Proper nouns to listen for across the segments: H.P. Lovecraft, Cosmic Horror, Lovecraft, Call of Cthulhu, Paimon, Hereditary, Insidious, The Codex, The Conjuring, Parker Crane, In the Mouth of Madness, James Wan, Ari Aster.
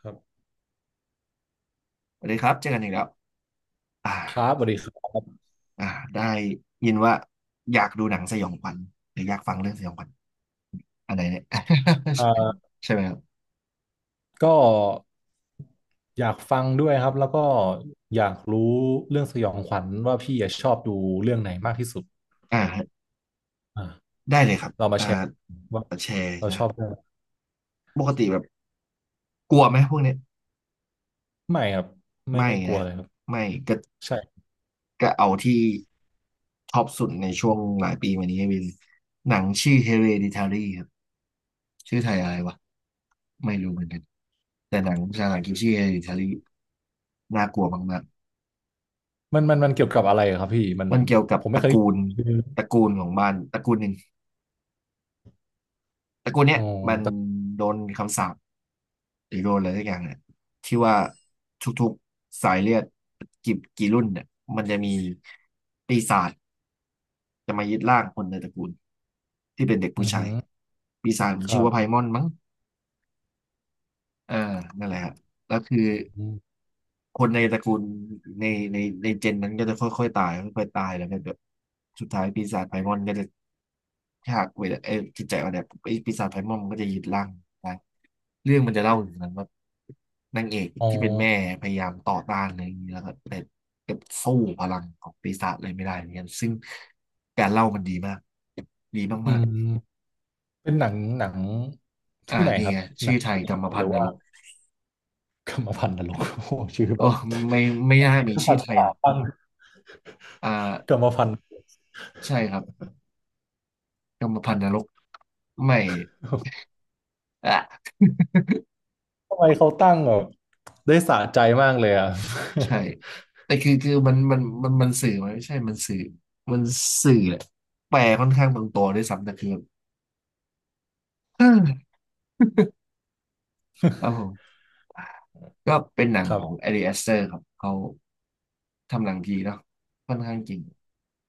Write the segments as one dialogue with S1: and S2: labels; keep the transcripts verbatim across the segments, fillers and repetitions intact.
S1: ครับ
S2: สวัสดีครับเจอกันอีกแล้วอ่า
S1: ครับสวัสดีครับ
S2: อ่าได้ยินว่าอยากดูหนังสยองขวัญหรืออยากฟังเรื่องสยองขวัญอันไหนเนี่ย
S1: เอ่า
S2: ใช่ไหมครับ
S1: ก็อยากฟังด้วยครับแล้วก็อยากรู้เรื่องสยองขวัญว่าพี่อะชอบดูเรื่องไหนมากที่สุด
S2: อ่า
S1: อ่า
S2: ได้เลยครับ
S1: เรามา
S2: อ่า
S1: แชร์ว่า
S2: แชร์
S1: เราช
S2: นะ
S1: อบเรื่องอะไร
S2: ปกติแบบกลัวไหมพวกเนี้ย
S1: ไม่ครับไม่
S2: ไม่
S1: ไม่กลัว
S2: นะ
S1: เลยครับ
S2: ไม่ก็
S1: ใช่
S2: ก็เอาที่ท็อปสุดในช่วงหลายปีมานี้เป็นหนังชื่อ Hereditary ครับชื่อไทยอะไรวะไม่รู้เหมือนกันแต่หนังภาษาอังกฤษชื่อ Hereditary น่ากลัวมาก
S1: มันมันมันเกี่ยวกับอะไรอะครับพี่มัน
S2: มันเกี่ยวกับ
S1: ผม
S2: ต
S1: ไม่
S2: ระ
S1: เคย
S2: กูลตระกูลของมันตระกูลหนึ่งตระกูลเนี้
S1: อ๋
S2: ย
S1: อ
S2: มัน
S1: แต่
S2: โดนคำสาปหรือโดนอะไรสักอย่างเนี่ยที่ว่าทุกๆสายเลือดกี่กี่รุ่นเนี่ยมันจะมีปีศาจจะมายึดร่างคนในตระกูลที่เป็นเด็กผู้
S1: อือ
S2: ชา
S1: หื
S2: ย
S1: อ
S2: ปีศาจมั
S1: ค
S2: น
S1: รั
S2: ชื่อ
S1: บ
S2: ว่าไพมอนมั้งเออนั่นแหละฮะแล้วคือ
S1: อม
S2: คนในตระกูลในในในเจนนั้นก็จะค่อยๆตายค่อยๆตายแล้วก็แบบสุดท้ายปีศาจไพมอนก็จะฉักเวลาเออจิตใจอ่อนแอไอ้ปีศาจไพมอนมันก็จะยึดร่างได้เรื่องมันจะเล่าถึงนั้นว่านางเอก
S1: อ๋อ
S2: ที่เป็นแม่พยายามต่อต้านอะไรอย่างนี้แล้วก็แต่แต่สู้พลังของปีศาจเลยไม่ได้เหมือนกันซึ่งการเล่ามันดีมากดี
S1: อื
S2: มาก
S1: มเป็นหนังหนัง
S2: ๆอ่า
S1: ที่ไหน
S2: นี่
S1: ครับ
S2: ไง
S1: ห
S2: ชื่
S1: นั
S2: อ
S1: ง
S2: ไทยกรรมพั
S1: ห
S2: น
S1: รือ
S2: ธุ์น
S1: ว่า
S2: รก
S1: กรรมพันธุ์นรก โอ้โหชื่อแบ
S2: โอ้
S1: บ
S2: ไม่ไม่น่า
S1: เป็น
S2: มีชื่
S1: สั
S2: อ
S1: ต
S2: ไท
S1: ว์
S2: ย
S1: ขา
S2: เลย
S1: ตั้ง
S2: อ่า
S1: กรรมพันธุ์
S2: ใช่ครับ กรรมพันธุ์นรกไม่อ่ะ
S1: ทำไมเขาตั้งแบบได้สะใจมากเลยอ่ะ
S2: ใช่แต่คือคือมันมันมันมันสื่อไหมไม่ใช่มันสื่อมันสื่อแหละแปลค่อนข้างตรงตัวด้วยซ้ำแต่คือแบบ เออครับผมก็เป็นหนั ง
S1: ครั
S2: ของ
S1: บ
S2: แอริอสเตอร์ครับเขาทำหนังดีเนาะค่อนข้างจริง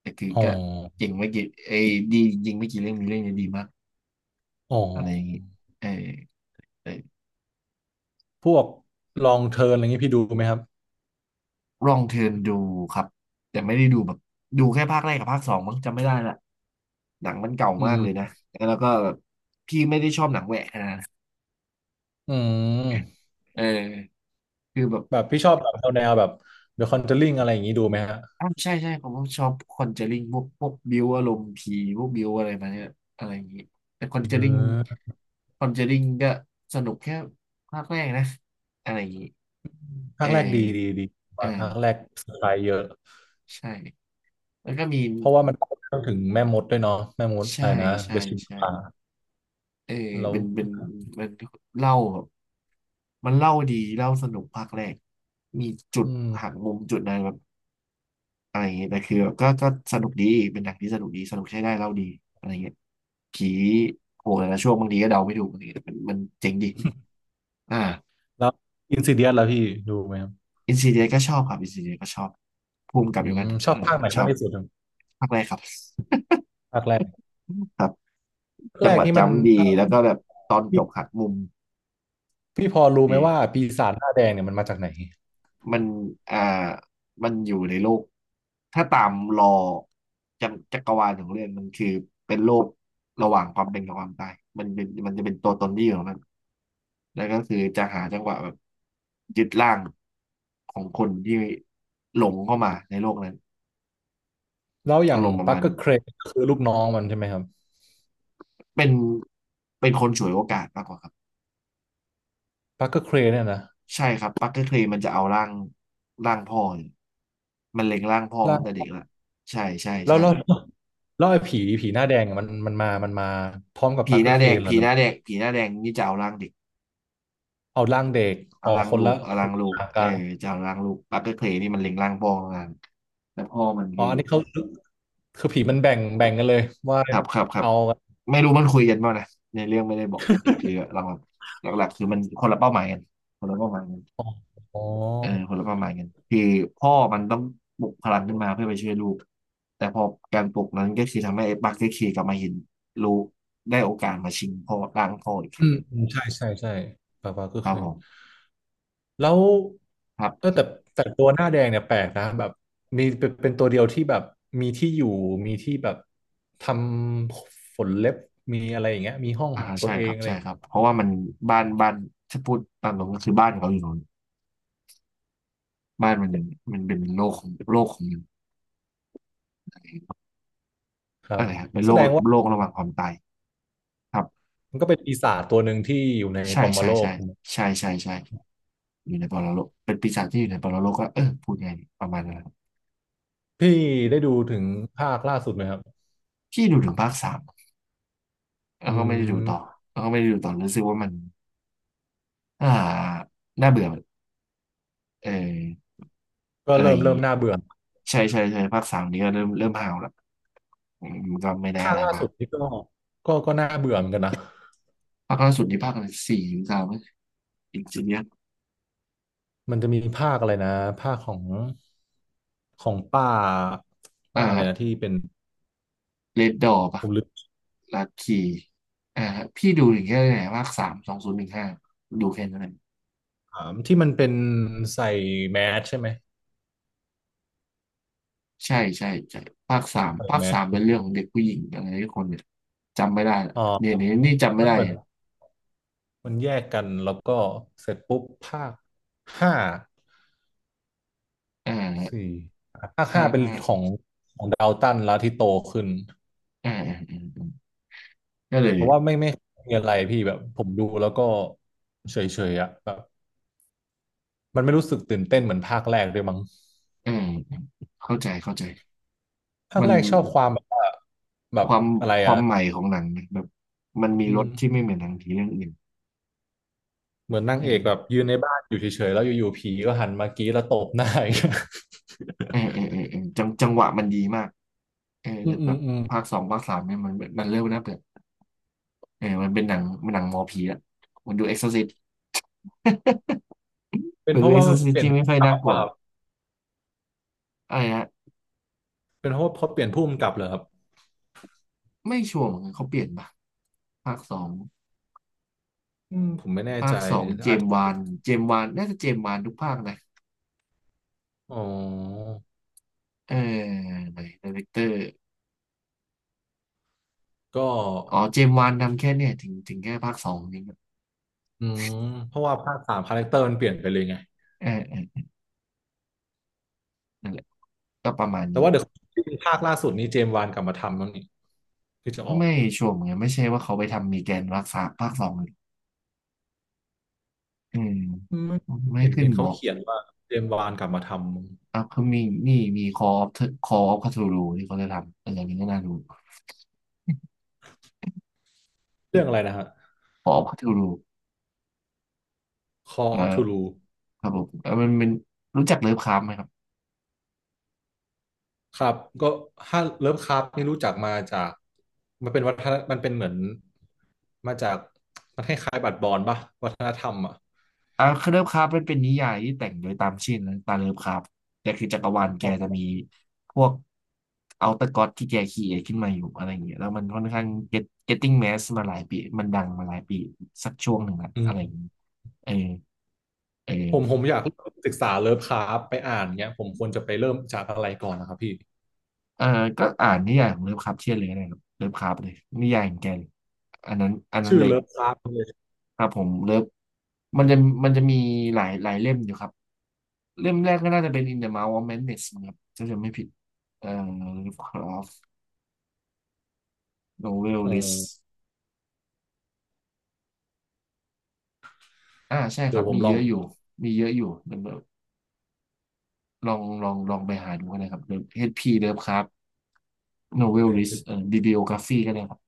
S2: แต่คือ
S1: อ๋อ
S2: ก็เจริงไม่กี่เอยดีจริงไม่กี่เรื่องมีเรื่องเนี้ดีมาก
S1: อ๋อ
S2: อะไรอย่างงี้เออเออ
S1: พวกลองเทิร์นอะไรงี้พี่ดูไหมครับ
S2: ลองเทิร์นดูครับแต่ไม่ได้ดูแบบดูแค่ภาคแรกกับภาคสองมั้งจำไม่ได้ละหนังมันเก่า
S1: อื
S2: มากเลยนะ
S1: ม
S2: แล้วก็แบบพี่ไม่ได้ชอบหนังแหวกขนาดนะ
S1: อืม
S2: เออคือแบบ
S1: แบบพี่ชอบแบบแนวแบบ เดอะ คอนเจอริง อะไรอย่างงี้ดูไหมฮะ
S2: อ้าวใช่ใช่ผมก็ชอบคอนเจอริงพวกพวกบิวอารมณ์ผีพวกบิวอะไรมาเนี่ยอะไรอย่างนี้แต่คอนเจ
S1: เ
S2: อริง
S1: ออ
S2: คอนเจอริงก็สนุกแค่ภาคแรกนะอะไรอย่างนี้เอ
S1: ภา
S2: อ
S1: คแรกดีดีดี
S2: เออ
S1: ว่าภาคแรกสไตล์เยอะ
S2: ใช่แล้วก็มี
S1: เพราะว่ามันพูดเรื่องถึงแม่มดด้วยเนาะแม่มด
S2: ใช่
S1: อะไรนะ
S2: ใช่
S1: เดชิม
S2: ใช่
S1: พา
S2: เออ
S1: แล้ว
S2: เป็นเป็นมันเล่าแบบมันเล่าดีเล่าสนุกภาคแรกมีจุด
S1: อืม
S2: หักมุมจุดอะไรแบบอะไรอย่างเงี้ยแต่คือแบบก็ก็สนุกดีเป็นหนังที่สนุกดีสนุกใช้ได้เล่าดีอะไรเงี้ยผีโผล่แต่ละช่วงบางทีก็เดาไม่ถูกอะไรเงที้ยแต่มันมันเจ๋งดีอ่า
S1: แล้วอินซิเดียสล่ะพี่ดูไหมครับ
S2: อินซีเดียก็ชอบครับอินซีเดียก็ชอบภูมิกับ
S1: อื
S2: เดียวกั
S1: ม
S2: น
S1: ช
S2: เอ
S1: อ
S2: อ
S1: บภาคไหน
S2: ชอ
S1: มาก
S2: บ
S1: ที่สุดครับ
S2: ภาคแรกครับ
S1: ภาคแรก
S2: ครับ
S1: แร
S2: จังห
S1: ก
S2: วะ
S1: นี่มัน
S2: จำดี
S1: เอ่อ
S2: แล้วก็แบบตอน
S1: พี่
S2: จบหักมุม
S1: พี่พอรู้ไหม
S2: ดี
S1: ว่าปีศาจหน้าแดงเนี่ยมันมาจากไหน
S2: มันอ่ามันอยู่ในโลก ถ้าตามรอจักรจักรวาลของเรื่องมันคือเป็นโลกระหว่างความเป็นกับความตายมันเป็นมันจะเป็นตัวตนที่อยู่ของมัน แล้วก็คือจะหาจังหวะแบบยึดร่างของคนที่หลงเข้ามาในโลกนั้น
S1: แล้วอ
S2: อา
S1: ย่าง
S2: รมณ์ประ
S1: ปัก
S2: มาณ
S1: เกอร์
S2: นี้
S1: เครนคือลูกน้องมันใช่ไหมครับ
S2: เป็นเป็นคนฉวยโอกาสมากกว่าครับ
S1: ปักเกอร์เครนเนี่ยนะ
S2: ใช่ครับปักเกอร์เคลย์มันจะเอาร่างร่างพ่อเนี่ยมันเล็งร่างพ่อมาตั้งแต่
S1: ล่า
S2: เด็กละใช่ใช่
S1: แล้ว
S2: ใช่
S1: แล้วแล้วแล้วไอ้ผีผีหน้าแดงอะมันมันมามันมาพร้อมกับ
S2: ผี
S1: ปัก
S2: ห
S1: เกอ
S2: น้า
S1: ร์เค
S2: แด
S1: ร
S2: ง
S1: นเหรอ
S2: ผี
S1: หรื
S2: ห
S1: อ
S2: น้าแดงผีหน้าแดงนี่จะเอาร่างเด็ก
S1: เอาร่างเด็ก
S2: เอา
S1: อ๋อ
S2: ร่าง
S1: คน
S2: ลู
S1: ละ
S2: กเอา
S1: ค
S2: ร่า
S1: น
S2: ง
S1: ละ
S2: ลู
S1: อ
S2: ก
S1: ย่าง
S2: เออ
S1: การ
S2: จะเอาร่างลูกปักเกอร์เคลนี่มันเล็งร่างพ่อมากแล้วพ่อมัน
S1: อ๋อ
S2: คือ
S1: อันนี้เขาคือผีมันแบ่งแบ่งกันเลยว่า
S2: ครับครับครับ
S1: เอา
S2: ไม่รู้มันคุยกันบ้างนะในเรื่องไม่ได้บอกเออคือหลักหลักหลักๆคือมันคนละเป้าหมายกันคนละเป้าหมายกัน
S1: อ๋ออ๋อ
S2: เออคนละเป้าหมายกันคือพ่อมันต้องปลุกพลังขึ้นมาเพื่อไปช่วยลูกแต่พอการปลุกนั้นก็คือทำให้ไอ้ปักเกอร์เคลกลับมาเห็นลูกได้โอกาสมาชิงพ่อร่างพ่ออีก
S1: อืมอืมใช่ใช่ใช่ปักเกอ
S2: ค
S1: ร์เค
S2: รับ
S1: ร
S2: ผ
S1: น
S2: ม
S1: แล้ว
S2: คร
S1: เออ
S2: ับ
S1: แต่แต่ตัวหน้าแดงเนี่ยแปลกนะแบบมีเป็นเป็นตัวเดียวที่แบบมีที่อยู่มีที่แบบทำฝนเล็บมีอะไรอย่างเงี้ยมีห้อง
S2: อ่า
S1: ของตั
S2: ใช่
S1: วเอ
S2: ครั
S1: ง
S2: บ
S1: อะไรอ
S2: ใช่
S1: ย่าง
S2: ครั
S1: เงี้ย
S2: บเพราะว่ามันบ้านบ้านถ้าพูดตามตรงก็คือบ้านเขาอยู่นู้นบ้านมันเป็นมันเป็นโลกของโลกของ
S1: ครั
S2: อะ
S1: บ
S2: ไรครับเป็น
S1: แส
S2: โลก
S1: ดงว่า
S2: โลกระหว่างความตายครับ
S1: มันก็เป็นปีศาจตัวหนึ่งที่อยู่ใน
S2: ใช่
S1: ปอม
S2: ใช่
S1: โลก
S2: ใช่
S1: ถูกไหม
S2: ใช่ใช่ใช่อยู่ในปรโลกเป็นปีศาจที่อยู่ในปรโลกก็เออพูดไงดีประมาณนั้นครับ
S1: พี่ได้ดูถึงภาคล่าสุดไหมครับ
S2: ที่ดูถึงภาคสามแล้ว
S1: อื
S2: ก็ไม่ได้ดูต่อ
S1: ม
S2: แล้วก็ไม่ได้ดูต่อรู้สึกว่ามันอ่าน่าเบื่อเออ
S1: ก็
S2: อะไร
S1: เริ่
S2: อ
S1: ม
S2: ย่าง
S1: เริ่
S2: งี้
S1: มน่าเบื่อ
S2: ใช่ใช่ใช่ภาคสามนี้ก็เริ่มเริ่มห่าวละอืมมันก็ไม่ได้
S1: ภา
S2: อะ
S1: ค
S2: ไร
S1: ล่า
S2: มา
S1: สุ
S2: ก
S1: ดนี่ก็ก็ก็น่าเบื่อเหมือนกันนะ
S2: ภาคล่าสุดนี่ภาคอะไรสี่หสาม อินสิเนียส
S1: มันจะมีภาคอะไรนะภาคของของป้าป้าอะไรนะ
S2: อ่า
S1: ที่เป็น
S2: เรดดอปะ
S1: ผมลืม
S2: ลัคคีอ่าพี่ดูถึงแค่ไหนภาคสามสองศูนย์หนึ่งห้าดูแค่นั้นเอง
S1: ถามที่มันเป็นใส่แมสใช่ไหม
S2: ใช่ใช่ใช่ภาคสาม
S1: ใส่
S2: ภาค
S1: แม
S2: สา
S1: ส
S2: มเป็
S1: ปุ๊
S2: น
S1: บ
S2: เรื่องของเด็กผู้หญิงอะไรทุกคนเนี่ยจำไม่ได้ละ
S1: อ๋อ
S2: เนี่ยเนี่ยนี่จำไม่
S1: มัน
S2: ได้
S1: เหมือนมันแยกกันแล้วก็เสร็จปุ๊บภาคห้า
S2: อ่า
S1: สี่ภาค
S2: ถ้า
S1: ห้าเป็น
S2: ถ้า
S1: ของดาวตันแล้วที่โตขึ้น
S2: อ่าอ่าอ่าอ่าก็เล
S1: เพ
S2: ย
S1: ราะว่าไม่ไม่มีอะไรพี่แบบผมดูแล้วก็เฉยๆอ่ะแบบมันไม่รู้สึกตื่นเต้นเหมือนภาคแรกด้วยมั้ง
S2: เออเข้าใจเข้าใจ
S1: ภาค
S2: มัน
S1: แรกชอบความแบบว่าแบ
S2: ค
S1: บ
S2: วาม
S1: อะไร
S2: ควา
S1: อ่ะ
S2: มใหม่ของหนังเนี่ยแบบมันมี
S1: อื
S2: รส
S1: ม
S2: ที่ไม่เหมือนหนังผีเรื่องอื่น
S1: เหมือนนาง
S2: เอ
S1: เอกแบบ
S2: อ
S1: ยืนในบ้านอยู่เฉยๆแล้วอยู่ๆผีก็หันมากรี้แล้วตบหน้าอย่างเงี้ย
S2: เออเออเออเออจังจังหวะมันดีมาก เออ
S1: อื
S2: แต่
S1: มอื
S2: แบ
S1: ม
S2: บ
S1: อืม
S2: ภาคสองภาคสามเนี่ยมันมันเริ่มน่าเบื่อเออมันเป็นหนังมันหนังหมอผีละมันดูเอ็กซ์ซซิส
S1: เป็น
S2: มัน
S1: เพ
S2: ดู
S1: ราะ
S2: เอ็ก
S1: ว่า
S2: ซ์ซซิส
S1: เปลี่ยน
S2: ที่
S1: ก
S2: ไม่
S1: ลับ
S2: ค่อย
S1: ป
S2: น่ากลัว
S1: ่ะครั
S2: ละ
S1: บ
S2: อะไรฮะ
S1: เป็นเพราะว่าพอเปลี่ยนผู้กำกับเหรอครับ
S2: ไม่ชัวร์เหมือนกันเขาเปลี่ยนปะภาคสอง
S1: อืมผมไม่แน่
S2: ภา
S1: ใจ
S2: คสองเจ
S1: อาจ
S2: ม
S1: จะ
S2: ส์วานเจมส์วานน่าจะเจมส์วานทุกภาคนะ
S1: อ๋อ
S2: เออไหนดีเรคเตอร์
S1: ก็
S2: อ๋อเจมส์วานทำแค่เนี่ยถึงถึงแค่ภาคสองนี่
S1: อืมเพราะว่าภาคสามคาแรคเตอร์มันเปลี่ยนไปเลยไง
S2: เออเออนั่นแหละก็ประมาณ
S1: แต่
S2: นี้
S1: ว่าเดี๋ยวภาคล่าสุดนี้เจมส์วานกลับมาทำแล้วนี่ที่จะออก
S2: ไม่ชัวร์เหมือนกันไม่ใช่ว่าเขาไปทำมีแกนรักษาภาคสองเลยอืม
S1: อืม
S2: ไม่
S1: เห็น
S2: ขึ้น
S1: เห็น
S2: บ
S1: เขา
S2: อก
S1: เขียนว่าเจมส์วานกลับมาท
S2: อัพคอมีนี่มีคออฟคออฟคาทูรูที่เขาจะทำเอออันี้ก็น่าดู
S1: ำเรื่องอะไรนะฮะ
S2: คออฟคาทูรู
S1: Call of
S2: เออ
S1: Cthulhu
S2: ครับผมเออมันเป็นรู้จักเลิฟคราฟต์ไหมครับ
S1: ครับก็ถ้าเลิฟคราฟนี่รู้จักมาจากมันเป็นวัฒนมันเป็นเหมือนมาจากมันคล้ายๆบัตรบอลป่ะวัฒนธรรมอ่ะ
S2: อ่าคเลิฟคราฟต์มันเป็นนิยายที่แต่งโดยตามชื่อนะตามเลิฟคราฟต์แต่คือจักรวาลแกจะมีพวกเอาต r ก o d ที่แกคีเอทขึ้นมาอยู่อะไรอย่างเงี้ยแล้วมันค่อนข้าง get getting mass มาหลายปีมันดังมาหลายปีสักช่วงหนึ่งละ
S1: อื
S2: อะไรอย่าง
S1: ม
S2: เงี้ยเออเอ
S1: ผมผม
S2: อ
S1: อยากศึกษาเลิฟคราฟต์ไปอ่านเนี้ยผมควรจะไปเริ่มจากอะไรก่อนนะครับพี่
S2: เออก็อ่านนิยายของเลิฟคราฟเชียนเลยก็ได้ครับ เลิฟคราฟต์เลยนิยายของแกเลยอันนั้นอันนั้น
S1: ชื่อ
S2: เลย
S1: เลิฟคราฟต์เลย
S2: ครับผมเลิฟ มันจะมันจะมีหลายหลายเล่มอยู่ครับ เล่มแรกก็น่าจะเป็น In the Mouth of Madness นะครับถ้าจะไม่ผิดเอ่อ Lovecraft Novel
S1: อ๋อ
S2: List อ่าใช่ค
S1: เดี๋ย
S2: รั
S1: ว
S2: บ
S1: ผม
S2: มี
S1: ล
S2: เย
S1: อง
S2: อะอยู่มีเยอะอยู่เดี๋ยวลองลองลองไปหาดูกันนะครับ เอช พี Lovecraft Novel List เอ่อ Bibliography ก็ได้ครับ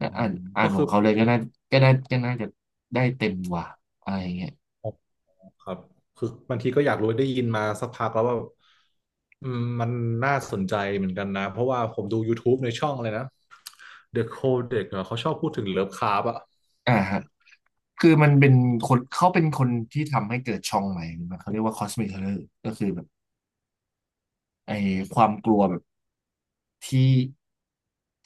S2: ก็
S1: อื
S2: อ่าน
S1: ม
S2: อ่า
S1: ก็
S2: นขอ
S1: คือ
S2: งเขาเลยก็น่าก็น่าก็น่าจะได้เต็มกว่าอะไรอย่างเงี้ย
S1: อ๋อครับคือบางทีก็อยากรู้ได้ยินมาสักพักแล้วว่าอืมมันน่าสนใจเหมือนกันนะเพราะว่าผมดู ยูทูบ ในช่องเลยนะ เดอะ โคเด็กซ์ เหรอเขาชอบพูดถึงเลิฟคราฟต์อะ
S2: อ่าฮะ คือมันเป็นคนเขาเป็นคนที่ทำให้เกิดช่องใหม่มันเขาเรียกว่าคอสมิเ o อร์ก็คือแบบไอ้ความกลัวแบบที่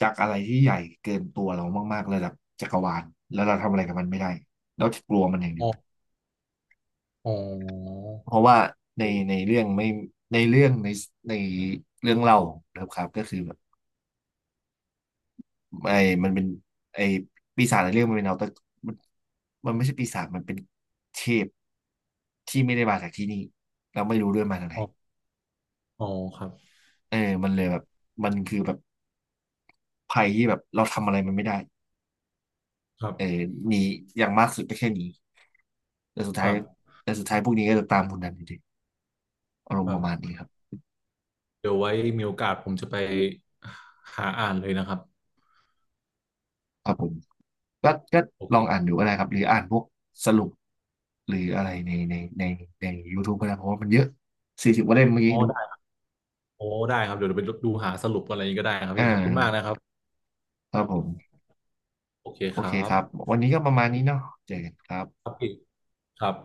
S2: จากอะไรที่ใหญ่เกินตัวเรามากๆระดับจักรวาลแล้วเราทำอะไรกับมันไม่ได้เราจะกลัวมันอย่างเดีย
S1: อ๋อ
S2: ว
S1: อ๋อ
S2: เพราะว่าในในเรื่องไม่ในเรื่องในในเรื่องเล่าครับครับก็คือแบบไอ้มันเป็นไอ้ปีศาจในเรื่องมันเป็นเอาแต่มันมันไม่ใช่ปีศาจมันเป็นเทพที่ไม่ได้มาจากที่นี่เราไม่รู้ด้วยมาจากไหน
S1: อ๋ออ๋อครับ
S2: เออมันเลยแบบมันคือแบบภัยที่แบบเราทำอะไรมันไม่ได้
S1: ครั
S2: เออ
S1: บ
S2: หนีอย่างมากสุดก็แค่หนีแต่สุด
S1: ค
S2: ท้าย
S1: รับ
S2: แต่สุดท้ายพวกนี้ก็จะตามคุณนันอยู่ดีอารม
S1: ค
S2: ณ์ป
S1: รั
S2: ระมาณ
S1: บ
S2: นี้ครับ
S1: เดี๋ยวไว้มีโอกาสผมจะไปหาอ่านเลยนะครับ
S2: ครับผมก็ก็
S1: โอ
S2: ลองอ่าน
S1: เค
S2: ดูก็ได้ครับ หรืออ่านพวกสรุปหรืออะไรในในในใน YouTube ก็ได้เพราะว่ามันเยอะสี่สิบกว่าเล่มเมื่อกี้
S1: โอ้
S2: ดู
S1: ได้โอ้ได้ครับ เดี๋ยวเราไปดูหาสรุปอะไรนี้ก็ได้ครับ
S2: อ่
S1: พี่ขอบคุณมาก
S2: า
S1: นะครับ
S2: ครับผม
S1: โอเค
S2: โอ
S1: ค
S2: เค
S1: รั
S2: ค
S1: บ
S2: รับ วันนี้ก็ประมาณนี้เนาะเจอกันครับ
S1: ครับพี่ครับ